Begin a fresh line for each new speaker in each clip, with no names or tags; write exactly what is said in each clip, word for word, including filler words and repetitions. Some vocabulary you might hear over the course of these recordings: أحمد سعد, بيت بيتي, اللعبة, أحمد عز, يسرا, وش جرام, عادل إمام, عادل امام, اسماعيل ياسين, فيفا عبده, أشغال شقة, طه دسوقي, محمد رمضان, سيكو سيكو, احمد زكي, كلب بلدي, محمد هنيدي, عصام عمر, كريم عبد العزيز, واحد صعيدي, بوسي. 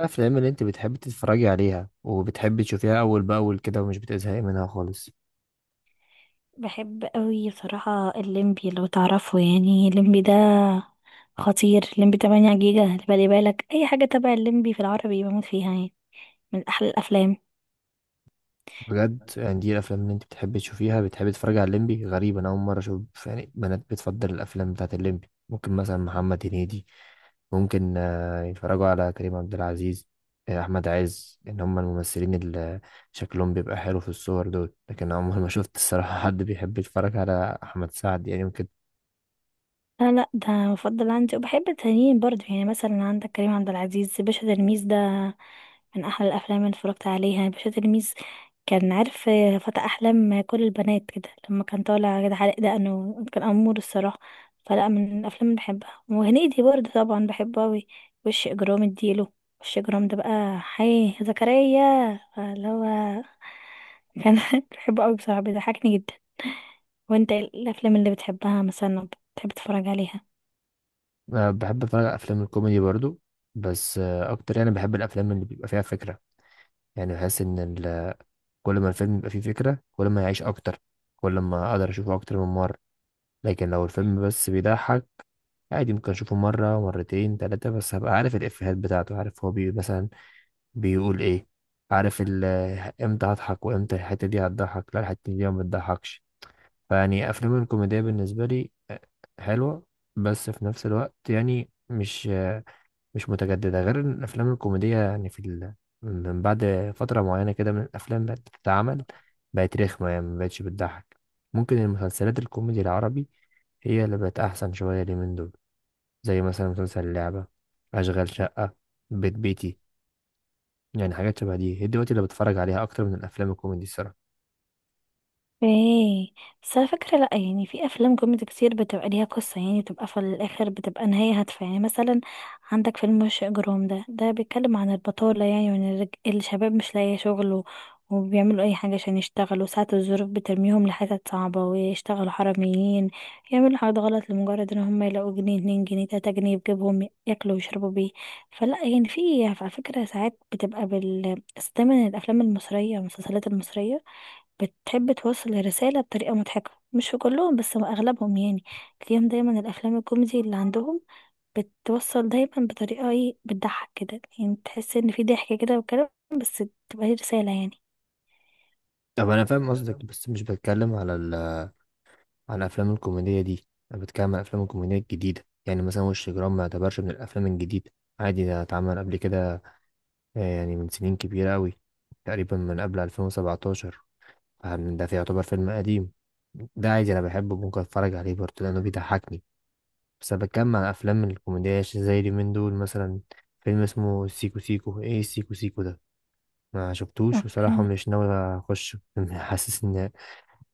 الأفلام اللي أنت بتحبي تتفرجي عليها وبتحبي تشوفيها أول بأول كده ومش بتزهقي منها خالص؟
بحب قوي صراحة الليمبي لو تعرفه، يعني الليمبي ده خطير. الليمبي تمن جيجا اللي بالي بالك، اي حاجة تبع الليمبي في العربي بموت فيها يعني، من احلى الافلام.
بجد؟ يعني دي الأفلام اللي أنت بتحبي تشوفيها؟ بتحبي تتفرجي على الليمبي؟ غريب، أنا أول مرة أشوف يعني بنات بتفضل الأفلام بتاعت الليمبي. ممكن مثلا محمد هنيدي، ممكن آه، يتفرجوا على كريم عبد العزيز، آه، أحمد عز، إن هم الممثلين اللي شكلهم بيبقى حلو في الصور دول، لكن أنا عمري ما شفت الصراحة حد بيحب يتفرج على أحمد سعد، يعني ممكن.
لا لا، ده مفضل عندي، وبحب التانيين برضه، يعني مثلا عندك كريم عبد العزيز، باشا تلميذ ده من أحلى الأفلام اللي اتفرجت عليها. باشا تلميذ، كان عارف، فتى أحلام كل البنات كده، لما كان طالع كده حلق دقنه كان أمور الصراحة. فلا، من الأفلام اللي بحبها. وهنيدي برضه طبعا بحبه أوي. وش إجرام اديله، وش إجرام ده بقى، حي زكريا، فاللي هو كان بحبه أوي بصراحة، بيضحكني جدا. وانت إيه الأفلام اللي بتحبها مثلا؟ بتحب تتفرج عليها؟
أه، بحب اتفرج على افلام الكوميدي برضو، بس أه اكتر، يعني بحب الافلام اللي بيبقى فيها فكره. يعني بحس ان ال- كل ما الفيلم يبقى فيه فكره، كل ما يعيش اكتر، كل ما اقدر اشوفه اكتر من مره. لكن لو الفيلم بس بيضحك، عادي ممكن اشوفه مره، مرتين، ثلاثه، بس هبقى عارف الافيهات بتاعته، عارف هو بي مثلا بيقول ايه، عارف ال- امتى هضحك وامتى الحته دي هتضحك. لا، الحته دي ما بتضحكش. فيعني افلام الكوميديا بالنسبه لي أه، حلوه. بس في نفس الوقت يعني مش مش متجددة، غير إن الأفلام الكوميدية يعني في ال... من بعد فترة معينة كده من الأفلام بقت بتتعمل، بقت رخمة، يعني مبقتش بتضحك. ممكن المسلسلات الكوميدي العربي هي اللي بقت أحسن شوية اليومين دول، زي مثلا مسلسل اللعبة، أشغال شقة، بيت بيتي، يعني حاجات شبه دي هي دلوقتي اللي بتفرج عليها أكتر من الأفلام الكوميدي الصراحة.
ايه، بس على فكرة لأ، يعني في أفلام كوميدي كتير بتبقى ليها قصة، يعني بتبقى في الآخر بتبقى نهاية هادفة، يعني مثلا عندك فيلم وش إجرام ده، ده بيتكلم عن البطالة يعني، وإن الرج- الشباب مش لاقي شغل، و- وبيعملوا أي حاجة عشان يشتغلوا، ساعات الظروف بترميهم لحتت صعبة ويشتغلوا حراميين، يعملوا حاجات غلط لمجرد إن هم يلاقوا جنيه اتنين جنيه تلاتة جنيه، يجيبهم ياكلوا ويشربوا بيه. فلا يعني في على فكرة ساعات بتبقى بال، بس دايما الأفلام المصرية والمسلسلات المصرية بتحب توصل الرسالة بطريقة مضحكة، مش في كلهم بس أغلبهم، يعني تلاقيهم دايما الأفلام الكوميدي اللي عندهم بتوصل دايما بطريقة ايه، بتضحك كده يعني، تحس إن في ضحك كده وكلام، بس تبقى هي رسالة يعني.
طب أنا فاهم قصدك، بس مش بتكلم على ال... على الأفلام الكوميدية دي، أنا بتكلم على الأفلام الكوميدية الجديدة. يعني مثلا وش جرام ما يعتبرش من الأفلام الجديدة، عادي ده اتعمل قبل كده، آه، يعني من سنين كبيرة أوي، تقريبا من قبل ألفين وسبعتاشر. فاهم؟ ده في يعتبر فيلم قديم، ده عادي أنا بحبه، ممكن أتفرج عليه برضه لأنه بيضحكني. بس أنا بتكلم عن أفلام الكوميديا ش- زي اليومين دول، مثلا فيلم اسمه سيكو سيكو، إيه سيكو سيكو ده، ما شفتوش بصراحة،
اوكي.
مش ناوي أخش حاسس إن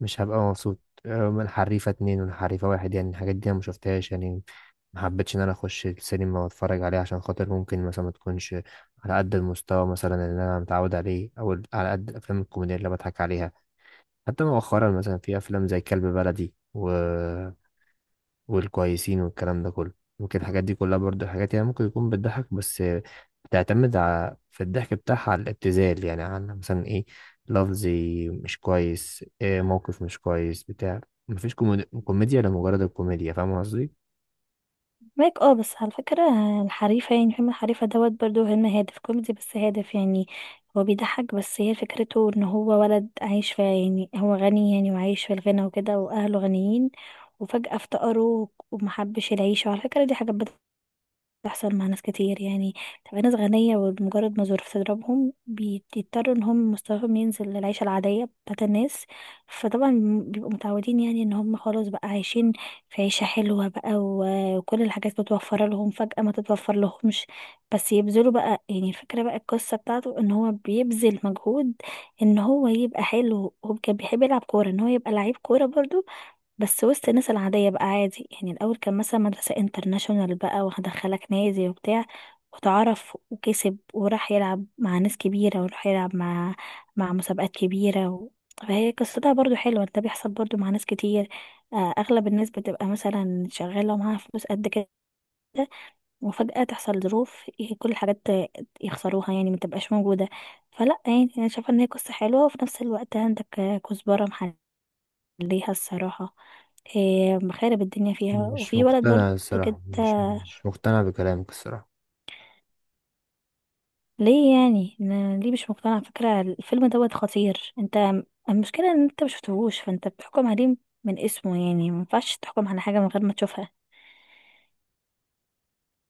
مش هبقى مبسوط. آه، من حريفة اتنين ولا حريفة واحد، يعني الحاجات دي أنا مشفتهاش، يعني ما حبيتش ان انا اخش السينما واتفرج عليه، عشان خاطر ممكن مثلا ما تكونش على قد المستوى مثلا اللي انا متعود عليه، او ال- على قد الافلام الكوميديه اللي بضحك عليها. حتى مؤخرا مثلا في افلام زي كلب بلدي و... والكويسين والكلام ده كله، ممكن الحاجات دي كلها برضو حاجات، يعني ممكن يكون بتضحك، بس بتعتمد على في الضحك بتاعها على الابتذال، يعني على مثلا ايه، لفظي مش كويس، إيه، موقف مش كويس بتاع، مفيش كوميديا، كوميديا لمجرد الكوميديا، فاهم قصدي؟
مايك اه، بس على فكرة الحريفة، يعني فيلم الحريفة دوت برضو فيلم هادف كوميدي، بس هادف يعني. هو بيضحك، بس هي فكرته ان هو ولد عايش في، يعني هو غني يعني وعايش في الغنى وكده واهله غنيين، وفجأة افتقروا ومحبش العيشة، وعلى فكرة دي حاجة بتحصل مع ناس كتير يعني. تبقى ناس غنية، ومجرد ما الظروف تضربهم بيضطروا ان هم مستواهم ينزل للعيشة العادية بتاعت الناس، فطبعا بيبقوا متعودين يعني ان هم خلاص بقى عايشين في عيشة حلوة بقى، و- وكل الحاجات متوفرة لهم، فجأة ما تتوفر لهمش، بس يبذلوا بقى، يعني الفكرة بقى، القصة بتاعته ان هو بيبذل مجهود ان هو يبقى حلو، هو كان بيحب يلعب كورة، ان هو يبقى لعيب كورة برضو، بس وسط الناس العادية بقى عادي يعني. الأول كان مثلا مدرسة انترناشونال بقى، وهدخلك نادي وبتاع وتعرف وكسب، وراح يلعب مع ناس كبيرة، وراح يلعب مع مع مسابقات كبيرة و... فهي قصتها برضو حلوة، ده بيحصل برضو مع ناس كتير. آه، أغلب الناس بتبقى مثلا شغالة ومعاها فلوس قد كده، وفجأة تحصل ظروف، ي- كل الحاجات ت- يخسروها يعني، متبقاش موجودة. فلا يعني، أنا شايفة إن هي قصة حلوة، وفي نفس الوقت عندك آه، كزبرة ليها الصراحة، إيه مخارب الدنيا فيها،
مش
وفي ولد
مقتنع
برضو كده.
الصراحة، مش مش مقتنع بكلامك الصراحة.
ليه يعني أنا ليه مش مقتنع؟ على فكرة الفيلم دوت خطير، انت المشكلة ان انت مشفتهوش، فانت بتحكم عليه من اسمه، يعني مينفعش تحكم على حاجة من غير ما تشوفها.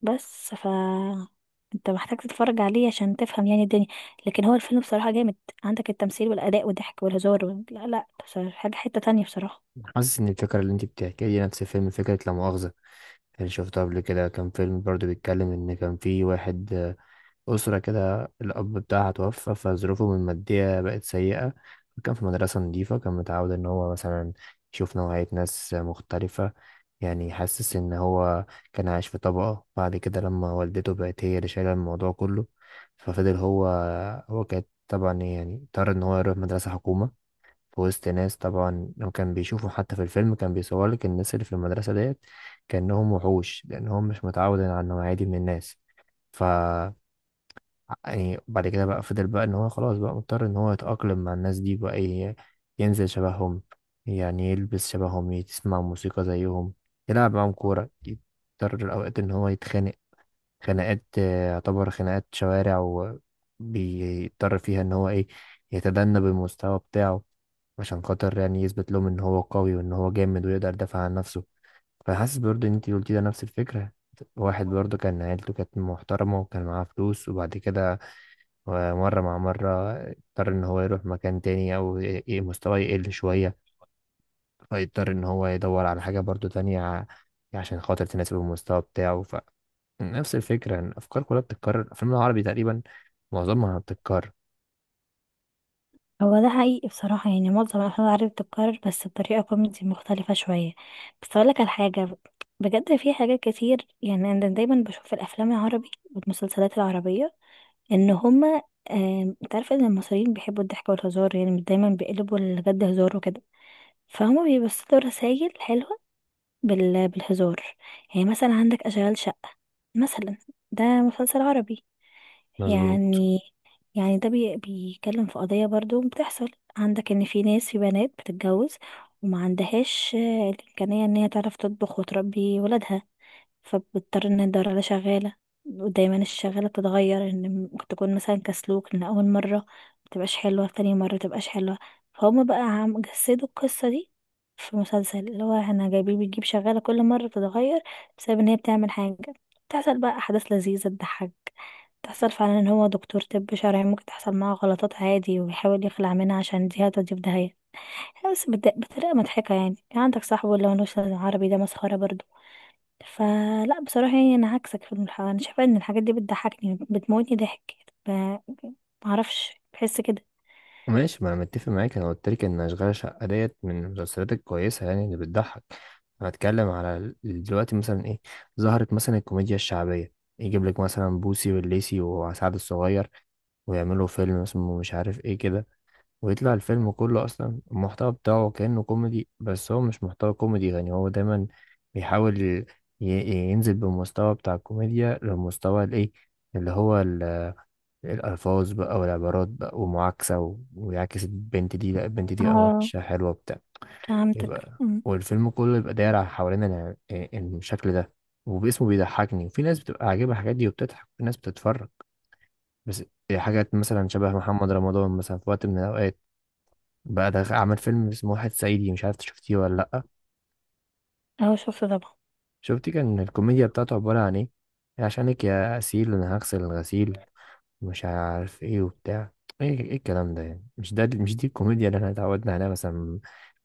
بس ف انت محتاج تتفرج عليه عشان تفهم يعني الدنيا، لكن هو الفيلم بصراحة جامد، عندك التمثيل والأداء والضحك والهزار وال- لا لا، بصراحة حاجة حتة تانية بصراحة.
حاسس إن الفكرة اللي أنت بتحكيها دي نفس فيلم، فكرة لا مؤاخذة اللي شفته قبل كده، كان فيلم برضو بيتكلم إن كان في واحد، أسرة كده الأب بتاعها توفى، فظروفه المادية بقت سيئة. كان في مدرسة نظيفة، كان متعود إن هو مثلا يشوف نوعية ناس مختلفة، يعني حاسس إن هو كان عايش في طبقة. بعد كده لما والدته بقت هي اللي شايلة الموضوع كله، ففضل هو، هو كانت طبعا يعني اضطر إن هو يروح مدرسة حكومة في وسط ناس. طبعا لو كان بيشوفه حتى في الفيلم، كان بيصور لك الناس اللي في المدرسة ديت كأنهم وحوش، لأنهم مش متعود على النوعية دي من الناس. ف يعني بعد كده بقى فضل بقى ان هو خلاص بقى مضطر ان هو يتأقلم مع الناس دي بقى، ي- ينزل شبههم، يعني يلبس شبههم، يسمع موسيقى زيهم، يلعب معاهم كورة، يضطر الأوقات ان هو يتخانق خناقات، آه، يعتبر خناقات شوارع، وبيضطر فيها ان هو ايه، يتدنى بالمستوى بتاعه، عشان خاطر يعني يثبت لهم ان هو قوي وان هو جامد ويقدر يدافع عن نفسه. فحاسس برضه ان انت قلتي ده نفس الفكرة. واحد برضه كان عيلته كانت محترمة وكان معاه فلوس، وبعد كده ومرة مع مرة اضطر إن هو يروح مكان تاني، أو ي- مستواه يقل شوية، فيضطر إن هو يدور على حاجة برضو تانية، ع- عشان خاطر تناسب المستوى بتاعه. فنفس الفكرة، إن الأفكار كلها بتتكرر، الأفلام العربي تقريبا معظمها بتتكرر.
هو ده حقيقي بصراحة، يعني معظم الأفلام العربية بتتكرر، بس بطريقة كوميدي مختلفة شوية. بس أقولك على حاجة، بجد في حاجات كتير، يعني أنا دايما بشوف في الأفلام العربي والمسلسلات العربية إن هما، آم، أنت عارفة إن المصريين بيحبوا الضحك والهزار، يعني دايما بيقلبوا الجد هزار وكده، فهما بيبصوا رسايل حلوة بال... بالهزار، يعني مثلا عندك أشغال شقة مثلا، ده مسلسل عربي
مظبوط.
يعني. يعني ده بي... بيتكلم في قضية برضو بتحصل، عندك ان في ناس، في بنات بتتجوز وما عندهاش آه، الإمكانية ان هي تعرف تطبخ وتربي ولادها، فبضطر ان ادور على شغالة، ودايما الشغالة بتتغير، ان م- تكون مثلا كسلوك، ان اول مرة متبقاش حلوة، تاني مرة متبقاش حلوة، فهم بقى عم جسدوا القصة دي في مسلسل اللي هو احنا جايبين بتجيب شغالة كل مرة بتتغير، بسبب ان هي بتعمل حاجة، بتحصل بقى احداث لذيذة تضحك، تحصل فعلا ان هو دكتور طب شرعي ممكن تحصل معاه غلطات عادي، ويحاول يخلع منها عشان دي هتوديه في داهية، بس بت- بطريقة مضحكة، يعني عندك صاحبه اللي هو نوش عربي ده مسخرة برضه. فلا بصراحة يعني، أنا عكسك في الح... أنا شايفة إن الحاجات دي بتضحكني، بتموتني ضحك، ب... معرفش بحس كده.
ماشي، ما أنا متفق معاك، أنا قلت لك إن أشغال شقة ديت من المسلسلات الكويسة، يعني اللي بتضحك. أنا بتكلم على ال- دلوقتي مثلا إيه، ظهرت مثلا الكوميديا الشعبية، يجيب لك مثلا بوسي والليسي وسعد الصغير، ويعملوا فيلم اسمه مش عارف ايه كده، ويطلع الفيلم كله اصلا المحتوى بتاعه كأنه كوميدي، بس هو مش محتوى كوميدي. يعني هو دايما بيحاول ي- ي- ينزل بالمستوى بتاع الكوميديا للمستوى الايه، اللي هو ال- الألفاظ بقى والعبارات بقى ومعاكسة و- ويعكس البنت دي، لا البنت دي قمر،
اه،
وشها حلوة، بتاع،
فهمتك
يبقى
أمم.
والفيلم كله يبقى داير على حوالين ال- الشكل ده، وباسمه بيضحكني، وفي ناس بتبقى عاجبها الحاجات دي وبتضحك، وفي ناس بتتفرج بس. هي حاجات مثلا شبه محمد رمضان مثلا في وقت من الأوقات، بقى ده عمل فيلم اسمه واحد صعيدي، مش عارف إنت شفتيه ولا لأ.
أهو شفت طبعا.
شفتي كان الكوميديا بتاعته عبارة عن إيه؟ عشانك يا أسيل أنا هغسل الغسيل، مش عارف إيه وبتاع، إيه إيه الكلام ده؟ يعني مش ده، مش دي الكوميديا اللي إحنا اتعودنا عليها، مثلا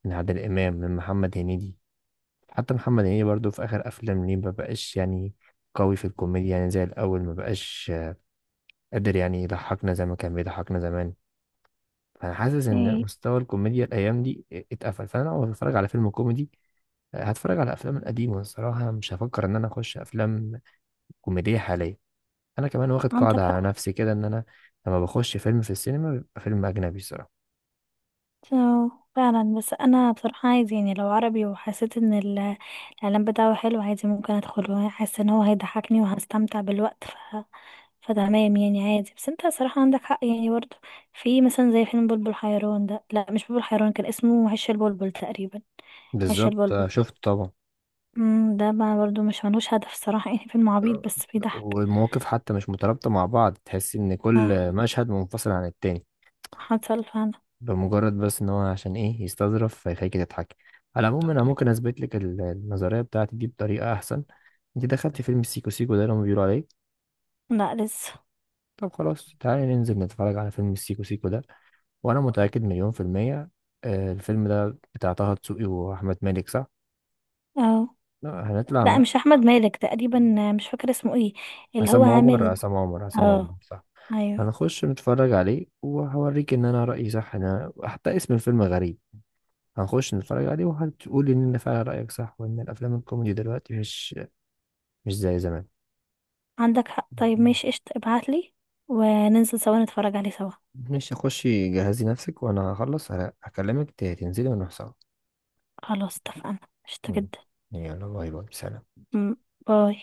من عادل إمام، من محمد هنيدي. حتى محمد هنيدي برضو في آخر أفلام ليه مبقاش يعني قوي في الكوميديا، يعني زي الأول مبقاش قادر يعني يضحكنا زي ما كان بيضحكنا زمان. فانا حاسس ان
ايه،
مستوى الكوميديا الايام دي اتقفل، فانا لو هتفرج على فيلم كوميدي، هتفرج على افلام القديمه الصراحه، مش هفكر ان انا اخش افلام كوميديه حاليا. انا كمان واخد قاعده
عندك
على
حق.
نفسي كده، ان انا لما بخش فيلم في السينما بيبقى فيلم اجنبي الصراحه.
أه، فعلا، بس أنا بصراحة عايز، يعني لو عربي وحسيت إن ال- الإعلان بتاعه حلو، عادي ممكن أدخله، حاسة إن هو هيضحكني وهستمتع بالوقت ف... فتمام يعني عادي، بس أنت صراحة عندك حق يعني برضه. في مثلا زي فيلم بلبل حيران ده، لا مش بلبل حيران، كان اسمه عش البلبل تقريبا. عيش
بالظبط،
البلبل،
آه، شفت طبعا.
مم، ده بقى برضو مش ملوش هدف صراحة، يعني فيلم عبيط
آه.
بس بيضحك.
والمواقف حتى مش مترابطه مع بعض، تحس ان
آه،
كل مشهد منفصل عن التاني،
حصل فعلا.
بمجرد بس ان هو عشان ايه يستظرف فيخليك تضحك. على العموم انا ممكن اثبت لك ال- النظريه بتاعتي دي بطريقه احسن. انت دخلت فيلم سيكو سيكو ده اللي هم بيقولوا عليه؟
لا لسه.
طب خلاص تعالي ننزل نتفرج على فيلم السيكو سيكو ده، وانا متأكد مليون في المية، آه، الفيلم ده بتاع طه دسوقي واحمد مالك، صح؟
اه.
لا، هنطلع
لا
م-
مش احمد مالك تقريبا، آه، مش فاكر اسمه ايه، اللي هو
عصام عمر،
عامل.
عصام عمر، عصام عمر،
اه،
صح؟
ايوه.
هنخش نتفرج عليه وهوريك ان انا رأيي صح، انا حتى اسم الفيلم غريب. هنخش نتفرج عليه وهتقولي ان أنا فعلا رأيك صح، وان الافلام الكوميدي دلوقتي مش مش زي زمان.
عندك حق، طيب ماشي قشطة، ابعتلي وننزل سوا نتفرج عليه سوا،
مش هخشي، جهزي نفسك وانا هخلص، هلا- هكلمك ت- تنزلي ونروح سوا.
خلاص اتفقنا، قشطة
مم.
جدا.
يلا، باي باي، سلام.
مم، باي.